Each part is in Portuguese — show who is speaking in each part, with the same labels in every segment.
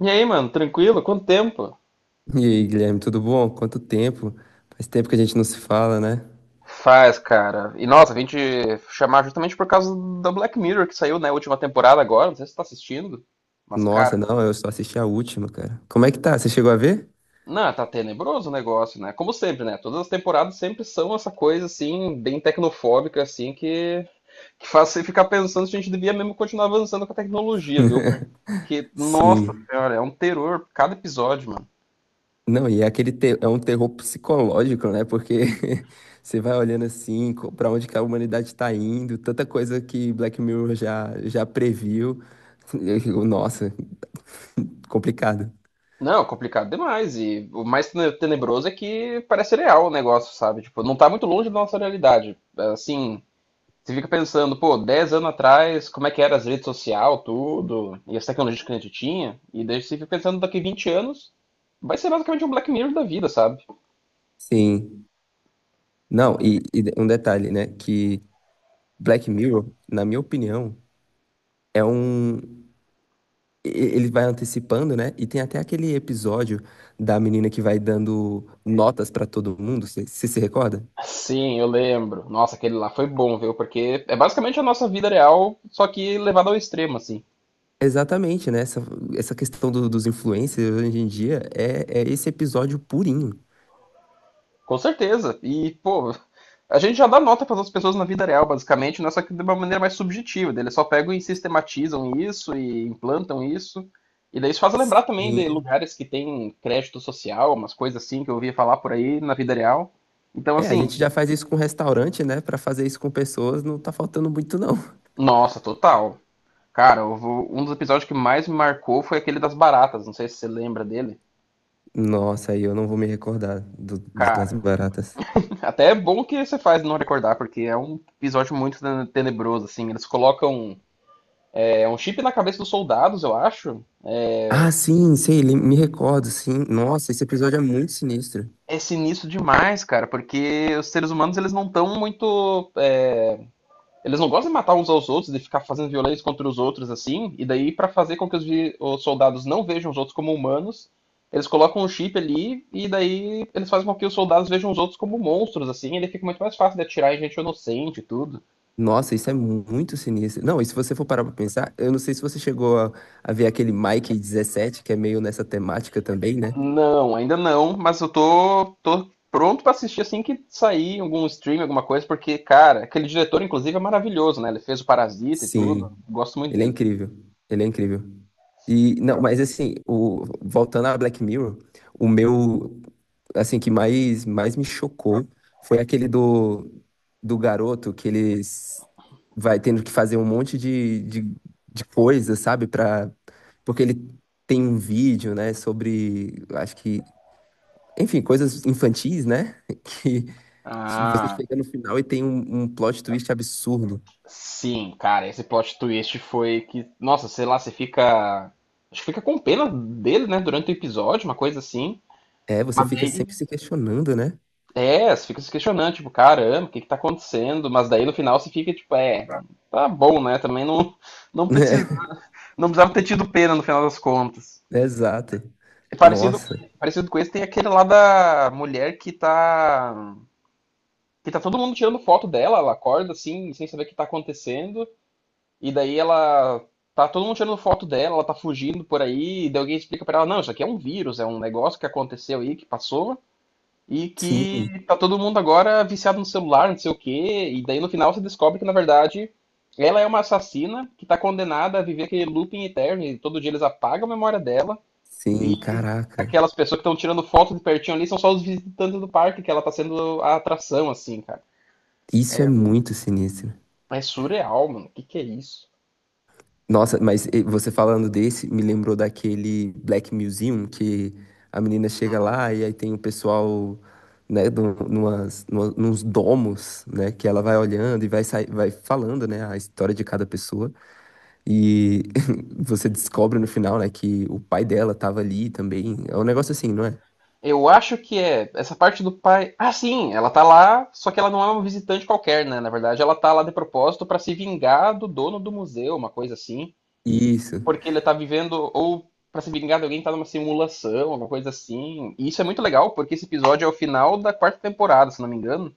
Speaker 1: E aí, mano, tranquilo? Quanto tempo?
Speaker 2: E aí, Guilherme, tudo bom? Quanto tempo? Faz tempo que a gente não se fala, né?
Speaker 1: Faz, cara. E nossa, vim te chamar justamente por causa da Black Mirror que saiu, né, a última temporada agora. Não sei se você tá assistindo. Mas, cara,
Speaker 2: Nossa, não, eu só assisti a última, cara. Como é que tá? Você chegou a ver?
Speaker 1: não, tá tenebroso o negócio, né? Como sempre, né? Todas as temporadas sempre são essa coisa, assim, bem tecnofóbica, assim, que faz você ficar pensando se a gente devia mesmo continuar avançando com a tecnologia, viu? Porque, nossa
Speaker 2: Sim.
Speaker 1: senhora, é um terror cada episódio, mano.
Speaker 2: Não, e é é um terror psicológico, né? Porque você vai olhando assim, pra onde que a humanidade tá indo, tanta coisa que Black Mirror já previu. Nossa, complicado.
Speaker 1: Não, complicado demais. E o mais tenebroso é que parece real o negócio, sabe? Tipo, não tá muito longe da nossa realidade. Assim, você fica pensando, pô, 10 anos atrás, como é que era as redes sociais, tudo, e as tecnologias que a gente tinha, e daí você fica pensando daqui 20 anos, vai ser basicamente um Black Mirror da vida, sabe?
Speaker 2: Sim. Não, e um detalhe, né? Que Black Mirror, na minha opinião, é um e- Ele vai antecipando, né? E tem até aquele episódio da menina que vai dando notas pra todo mundo, você se recorda?
Speaker 1: Sim, eu lembro. Nossa, aquele lá foi bom, viu? Porque é basicamente a nossa vida real, só que levada ao extremo, assim.
Speaker 2: Exatamente, né? Essa questão dos influencers hoje em dia é esse episódio purinho.
Speaker 1: Com certeza. E, pô, a gente já dá nota para as pessoas na vida real, basicamente, não é só que de uma maneira mais subjetiva. Eles só pegam e sistematizam isso e implantam isso. E daí isso faz lembrar também de
Speaker 2: Sim.
Speaker 1: lugares que tem crédito social, umas coisas assim que eu ouvia falar por aí na vida real. Então,
Speaker 2: É, a
Speaker 1: assim,
Speaker 2: gente já faz isso com restaurante, né? Pra fazer isso com pessoas não tá faltando muito, não.
Speaker 1: nossa, total. Cara, um dos episódios que mais me marcou foi aquele das baratas. Não sei se você lembra dele.
Speaker 2: Nossa, aí eu não vou me recordar das
Speaker 1: Cara,
Speaker 2: baratas.
Speaker 1: até é bom que você faz não recordar, porque é um episódio muito tenebroso, assim. Eles colocam É um chip na cabeça dos soldados, eu acho.
Speaker 2: Ah, sim, sei, me recordo, sim. Nossa, esse episódio é muito sinistro.
Speaker 1: É sinistro demais, cara, porque os seres humanos, eles não estão muito. Eles não gostam de matar uns aos outros, de ficar fazendo violência contra os outros assim. E daí, pra fazer com que os soldados não vejam os outros como humanos, eles colocam um chip ali e daí eles fazem com que os soldados vejam os outros como monstros assim. E ele fica muito mais fácil de atirar em gente inocente e tudo.
Speaker 2: Nossa, isso é muito sinistro. Não, e se você for parar pra pensar, eu não sei se você chegou a ver aquele Mike 17, que é meio nessa temática também, né?
Speaker 1: Não, ainda não, mas eu tô pronto pra assistir assim que sair algum stream, alguma coisa, porque, cara, aquele diretor, inclusive, é maravilhoso, né? Ele fez o Parasita e tudo.
Speaker 2: Sim,
Speaker 1: Gosto muito
Speaker 2: ele é
Speaker 1: dele.
Speaker 2: incrível. Ele é incrível. E, não, mas assim, o, voltando a Black Mirror, o meu, assim, que mais me chocou foi aquele do garoto que eles vai tendo que fazer um monte de coisa, sabe? Pra, porque ele tem um vídeo, né, sobre, acho que enfim, coisas infantis, né? Que você
Speaker 1: Ah,
Speaker 2: chega no final e tem um plot twist absurdo.
Speaker 1: sim, cara, esse plot twist foi que, nossa, sei lá, você fica. Acho que fica com pena dele, né, durante o episódio, uma coisa assim.
Speaker 2: É, você
Speaker 1: Mas
Speaker 2: fica
Speaker 1: daí,
Speaker 2: sempre se questionando, né?
Speaker 1: você fica se questionando, tipo, caramba, o que que tá acontecendo? Mas daí no final você fica, tipo, é, tá bom, né? Também não, não precisa, não precisava ter tido pena no final das contas.
Speaker 2: É, exato.
Speaker 1: É Parecido,
Speaker 2: Nossa.
Speaker 1: com- parecido com esse, tem aquele lá da mulher que tá. Que tá todo mundo tirando foto dela, ela acorda assim, sem saber o que tá acontecendo, e daí ela. Tá todo mundo tirando foto dela, ela tá fugindo por aí, e daí alguém explica pra ela, não, isso aqui é um vírus, é um negócio que aconteceu aí, que passou, e que
Speaker 2: Sim,
Speaker 1: tá todo mundo agora viciado no celular, não sei o quê, e daí no final você descobre que, na verdade, ela é uma assassina que tá condenada a viver aquele looping eterno, e todo dia eles apagam a memória dela
Speaker 2: sim, caraca.
Speaker 1: aquelas pessoas que estão tirando foto de pertinho ali são só os visitantes do parque, que ela tá sendo a atração, assim, cara.
Speaker 2: Isso é muito sinistro.
Speaker 1: É surreal, mano. O que, que é isso?
Speaker 2: Nossa, mas você falando desse, me lembrou daquele Black Museum, que a menina chega lá e aí tem o pessoal, né, nos domos, né, que ela vai olhando e vai, vai falando, né, a história de cada pessoa. E você descobre no final, né, que o pai dela tava ali também. É um negócio assim, não é?
Speaker 1: Eu acho que é essa parte do pai. Ah, sim, ela tá lá, só que ela não é uma visitante qualquer, né? Na verdade, ela tá lá de propósito pra se vingar do dono do museu, uma coisa assim.
Speaker 2: Isso.
Speaker 1: Porque ele tá vivendo, ou pra se vingar de alguém que tá numa simulação, alguma coisa assim. E isso é muito legal, porque esse episódio é o final da quarta temporada, se não me engano.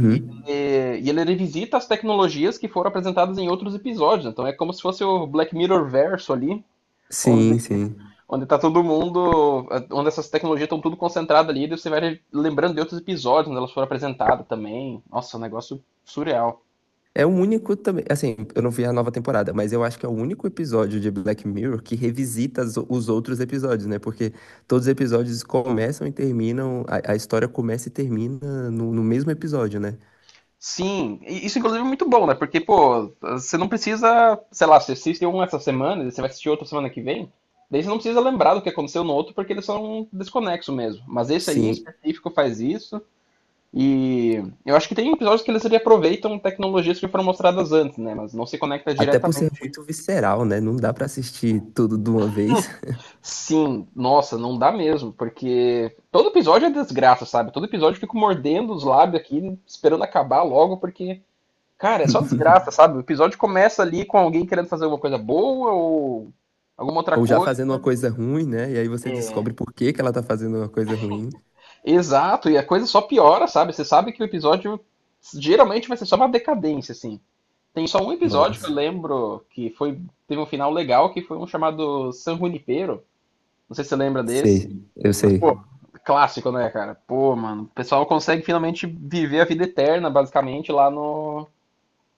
Speaker 1: E ele, e ele revisita as tecnologias que foram apresentadas em outros episódios. Então é como se fosse o Black Mirror verso ali, onde,
Speaker 2: Sim, sim.
Speaker 1: onde tá todo mundo. Onde essas tecnologias estão tudo concentradas ali, e você vai lembrando de outros episódios onde elas foram apresentadas também. Nossa, um negócio surreal.
Speaker 2: É o único também. Assim, eu não vi a nova temporada, mas eu acho que é o único episódio de Black Mirror que revisita os outros episódios, né? Porque todos os episódios começam e terminam. A história começa e termina no mesmo episódio, né?
Speaker 1: Sim, isso inclusive é muito bom, né? Porque, pô, você não precisa, sei lá, você assiste um essa semana, e você vai assistir outro semana que vem. Daí você não precisa lembrar do que aconteceu no outro, porque eles são desconexos mesmo. Mas esse aí em
Speaker 2: Sim.
Speaker 1: específico faz isso. E eu acho que tem episódios que eles aproveitam tecnologias que foram mostradas antes, né? Mas não se conecta
Speaker 2: Até por ser
Speaker 1: diretamente.
Speaker 2: muito visceral, né? Não dá pra assistir tudo de uma vez.
Speaker 1: Sim, nossa, não dá mesmo, porque todo episódio é desgraça, sabe? Todo episódio eu fico mordendo os lábios aqui, esperando acabar logo, porque, cara, é só desgraça, sabe? O episódio começa ali com alguém querendo fazer alguma coisa boa ou alguma outra
Speaker 2: Ou já
Speaker 1: coisa.
Speaker 2: fazendo uma coisa ruim, né? E aí você descobre por que que ela tá fazendo uma coisa ruim.
Speaker 1: Exato, e a coisa só piora, sabe? Você sabe que o episódio geralmente vai ser só uma decadência, assim. Tem só um episódio que eu
Speaker 2: Nossa,
Speaker 1: lembro teve um final legal, que foi um chamado San Junipero. Não sei se você lembra
Speaker 2: sei,
Speaker 1: desse.
Speaker 2: eu
Speaker 1: Mas, pô,
Speaker 2: sei.
Speaker 1: clássico, né, cara? Pô, mano, o pessoal consegue finalmente viver a vida eterna, basicamente, lá no,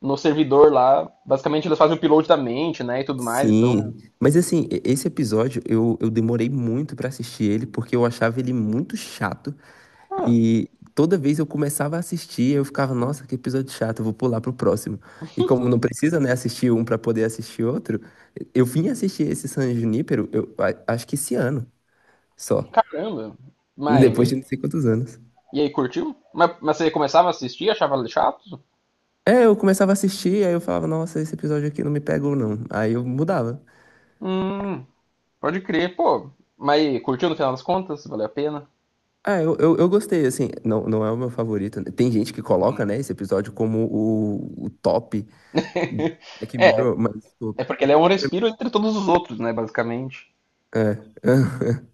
Speaker 1: no servidor lá. Basicamente, eles fazem o upload da mente, né, e tudo mais. Então,
Speaker 2: Sim, mas assim, esse episódio eu demorei muito pra assistir ele porque eu achava ele muito chato
Speaker 1: ah,
Speaker 2: e toda vez eu começava a assistir, eu ficava, nossa, que episódio chato, eu vou pular pro próximo. E como não precisa, né, assistir um pra poder assistir outro, eu vim assistir esse San Junípero, eu acho que esse ano só,
Speaker 1: caramba. Mas,
Speaker 2: depois de não sei quantos anos.
Speaker 1: e aí, curtiu? Mas você começava a assistir, achava chato?
Speaker 2: É, eu começava a assistir, aí eu falava, nossa, esse episódio aqui não me pegou, não. Aí eu mudava.
Speaker 1: Hum, pode crer, pô. Mas e aí, curtiu no final das contas? Valeu a pena?
Speaker 2: Ah, eu gostei, assim, não, não é o meu favorito. Tem gente que coloca, né, esse episódio como o top do Black
Speaker 1: É,
Speaker 2: Mirror, mas, pô,
Speaker 1: É porque ele é um respiro entre todos os outros, né, basicamente.
Speaker 2: é.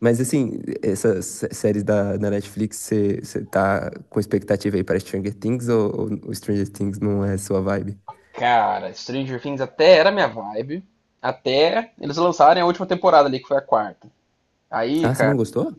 Speaker 2: Mas, assim, séries da Netflix, você tá com expectativa aí para Stranger Things, ou Stranger Things não é sua vibe?
Speaker 1: Cara, Stranger Things até era minha vibe, até eles lançarem a última temporada ali, que foi a quarta. Aí,
Speaker 2: Ah, você não
Speaker 1: cara,
Speaker 2: gostou?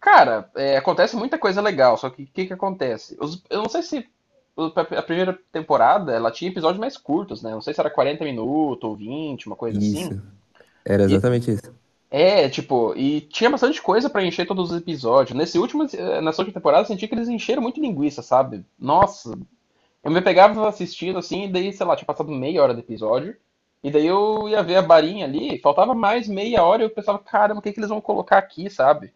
Speaker 1: cara, é, acontece muita coisa legal, só que o que que acontece? Eu não sei se a primeira temporada, ela tinha episódios mais curtos, né? Não sei se era 40 minutos ou 20, uma coisa
Speaker 2: Isso,
Speaker 1: assim.
Speaker 2: era
Speaker 1: E,
Speaker 2: exatamente isso.
Speaker 1: é, tipo, e tinha bastante coisa pra encher todos os episódios. Nessa última temporada, eu senti que eles encheram muito linguiça, sabe? Nossa, eu me pegava assistindo assim, e daí, sei lá, tinha passado meia hora do episódio. E daí eu ia ver a barinha ali, faltava mais meia hora e eu pensava, caramba, o que que eles vão colocar aqui, sabe?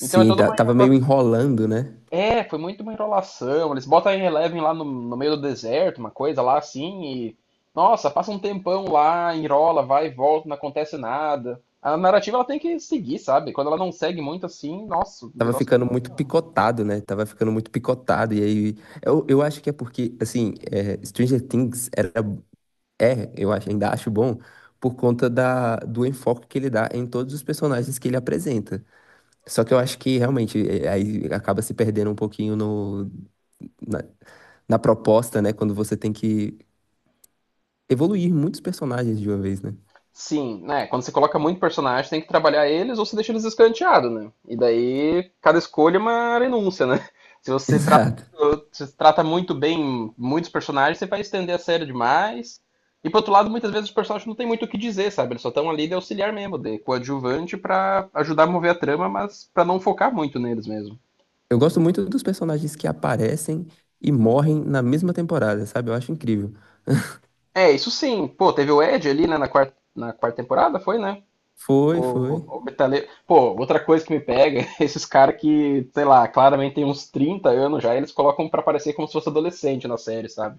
Speaker 1: Então é toda uma
Speaker 2: tava
Speaker 1: enrola-
Speaker 2: meio enrolando, né?
Speaker 1: É, foi muito uma enrolação. Eles botam a Eleven lá no meio do deserto, uma coisa lá assim, e. Nossa, passa um tempão lá, enrola, vai e volta, não acontece nada. A narrativa, ela tem que seguir, sabe? Quando ela não segue muito assim, nossa, o
Speaker 2: Tava
Speaker 1: negócio.
Speaker 2: ficando muito picotado, né? Tava ficando muito picotado. E aí, eu acho que é porque, assim, é, Stranger Things era, é, eu acho, ainda acho bom, por conta do enfoque que ele dá em todos os personagens que ele apresenta. Só que eu acho que realmente, é, aí acaba se perdendo um pouquinho no, na, na proposta, né? Quando você tem que evoluir muitos personagens de uma vez, né?
Speaker 1: Sim, né? Quando você coloca muito personagem, tem que trabalhar eles ou você deixa eles escanteados, né? E daí cada escolha é uma renúncia, né? Se você trata,
Speaker 2: Exato.
Speaker 1: muito- se você trata muito bem muitos personagens, você vai estender a série demais. E por outro lado, muitas vezes os personagens não têm muito o que dizer, sabe? Eles só estão ali de auxiliar mesmo, de coadjuvante pra ajudar a mover a trama, mas pra não focar muito neles mesmo.
Speaker 2: Eu gosto muito dos personagens que aparecem e morrem na mesma temporada, sabe? Eu acho incrível.
Speaker 1: É, isso sim. Pô, teve o Ed ali, né, na quarta temporada, foi, né?
Speaker 2: Foi,
Speaker 1: O,
Speaker 2: foi.
Speaker 1: o metaleiro. Pô, outra coisa que me pega é esses caras que, sei lá, claramente tem uns 30 anos já, eles colocam pra parecer como se fosse adolescente na série, sabe?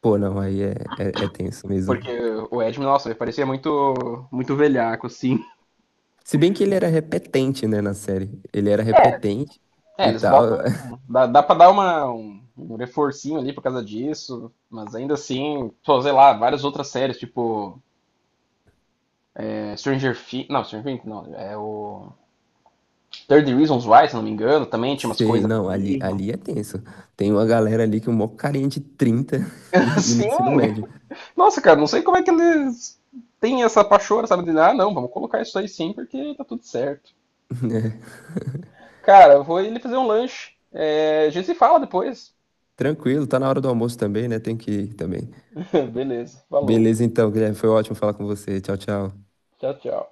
Speaker 2: Pô, não, é tenso
Speaker 1: Porque
Speaker 2: mesmo.
Speaker 1: o Edmund, nossa, ele parecia muito, muito velhaco, assim.
Speaker 2: Se bem que ele era repetente, né, na série. Ele era repetente
Speaker 1: É,
Speaker 2: e
Speaker 1: eles
Speaker 2: tal.
Speaker 1: botam. Dá pra dar um reforcinho ali por causa disso, mas ainda assim, pô, sei lá, várias outras séries, tipo Stranger Things. Não, Stranger Things não, é o. 30 Reasons Why, se não me engano, também tinha umas
Speaker 2: Sei,
Speaker 1: coisas
Speaker 2: não, ali é tenso. Tem uma galera ali que é um mó carinha de 30 e no
Speaker 1: assim.
Speaker 2: ensino médio.
Speaker 1: Nossa, cara, não sei como é que eles têm essa pachorra, sabe? De, ah, não, vamos colocar isso aí sim, porque tá tudo certo.
Speaker 2: né?
Speaker 1: Cara, vou ele fazer um lanche. É, a gente se fala depois.
Speaker 2: Tranquilo, tá na hora do almoço também, né? Tem que ir também.
Speaker 1: Beleza, falou.
Speaker 2: Beleza, então, Guilherme, foi ótimo falar com você. Tchau, tchau.
Speaker 1: Tchau, tchau.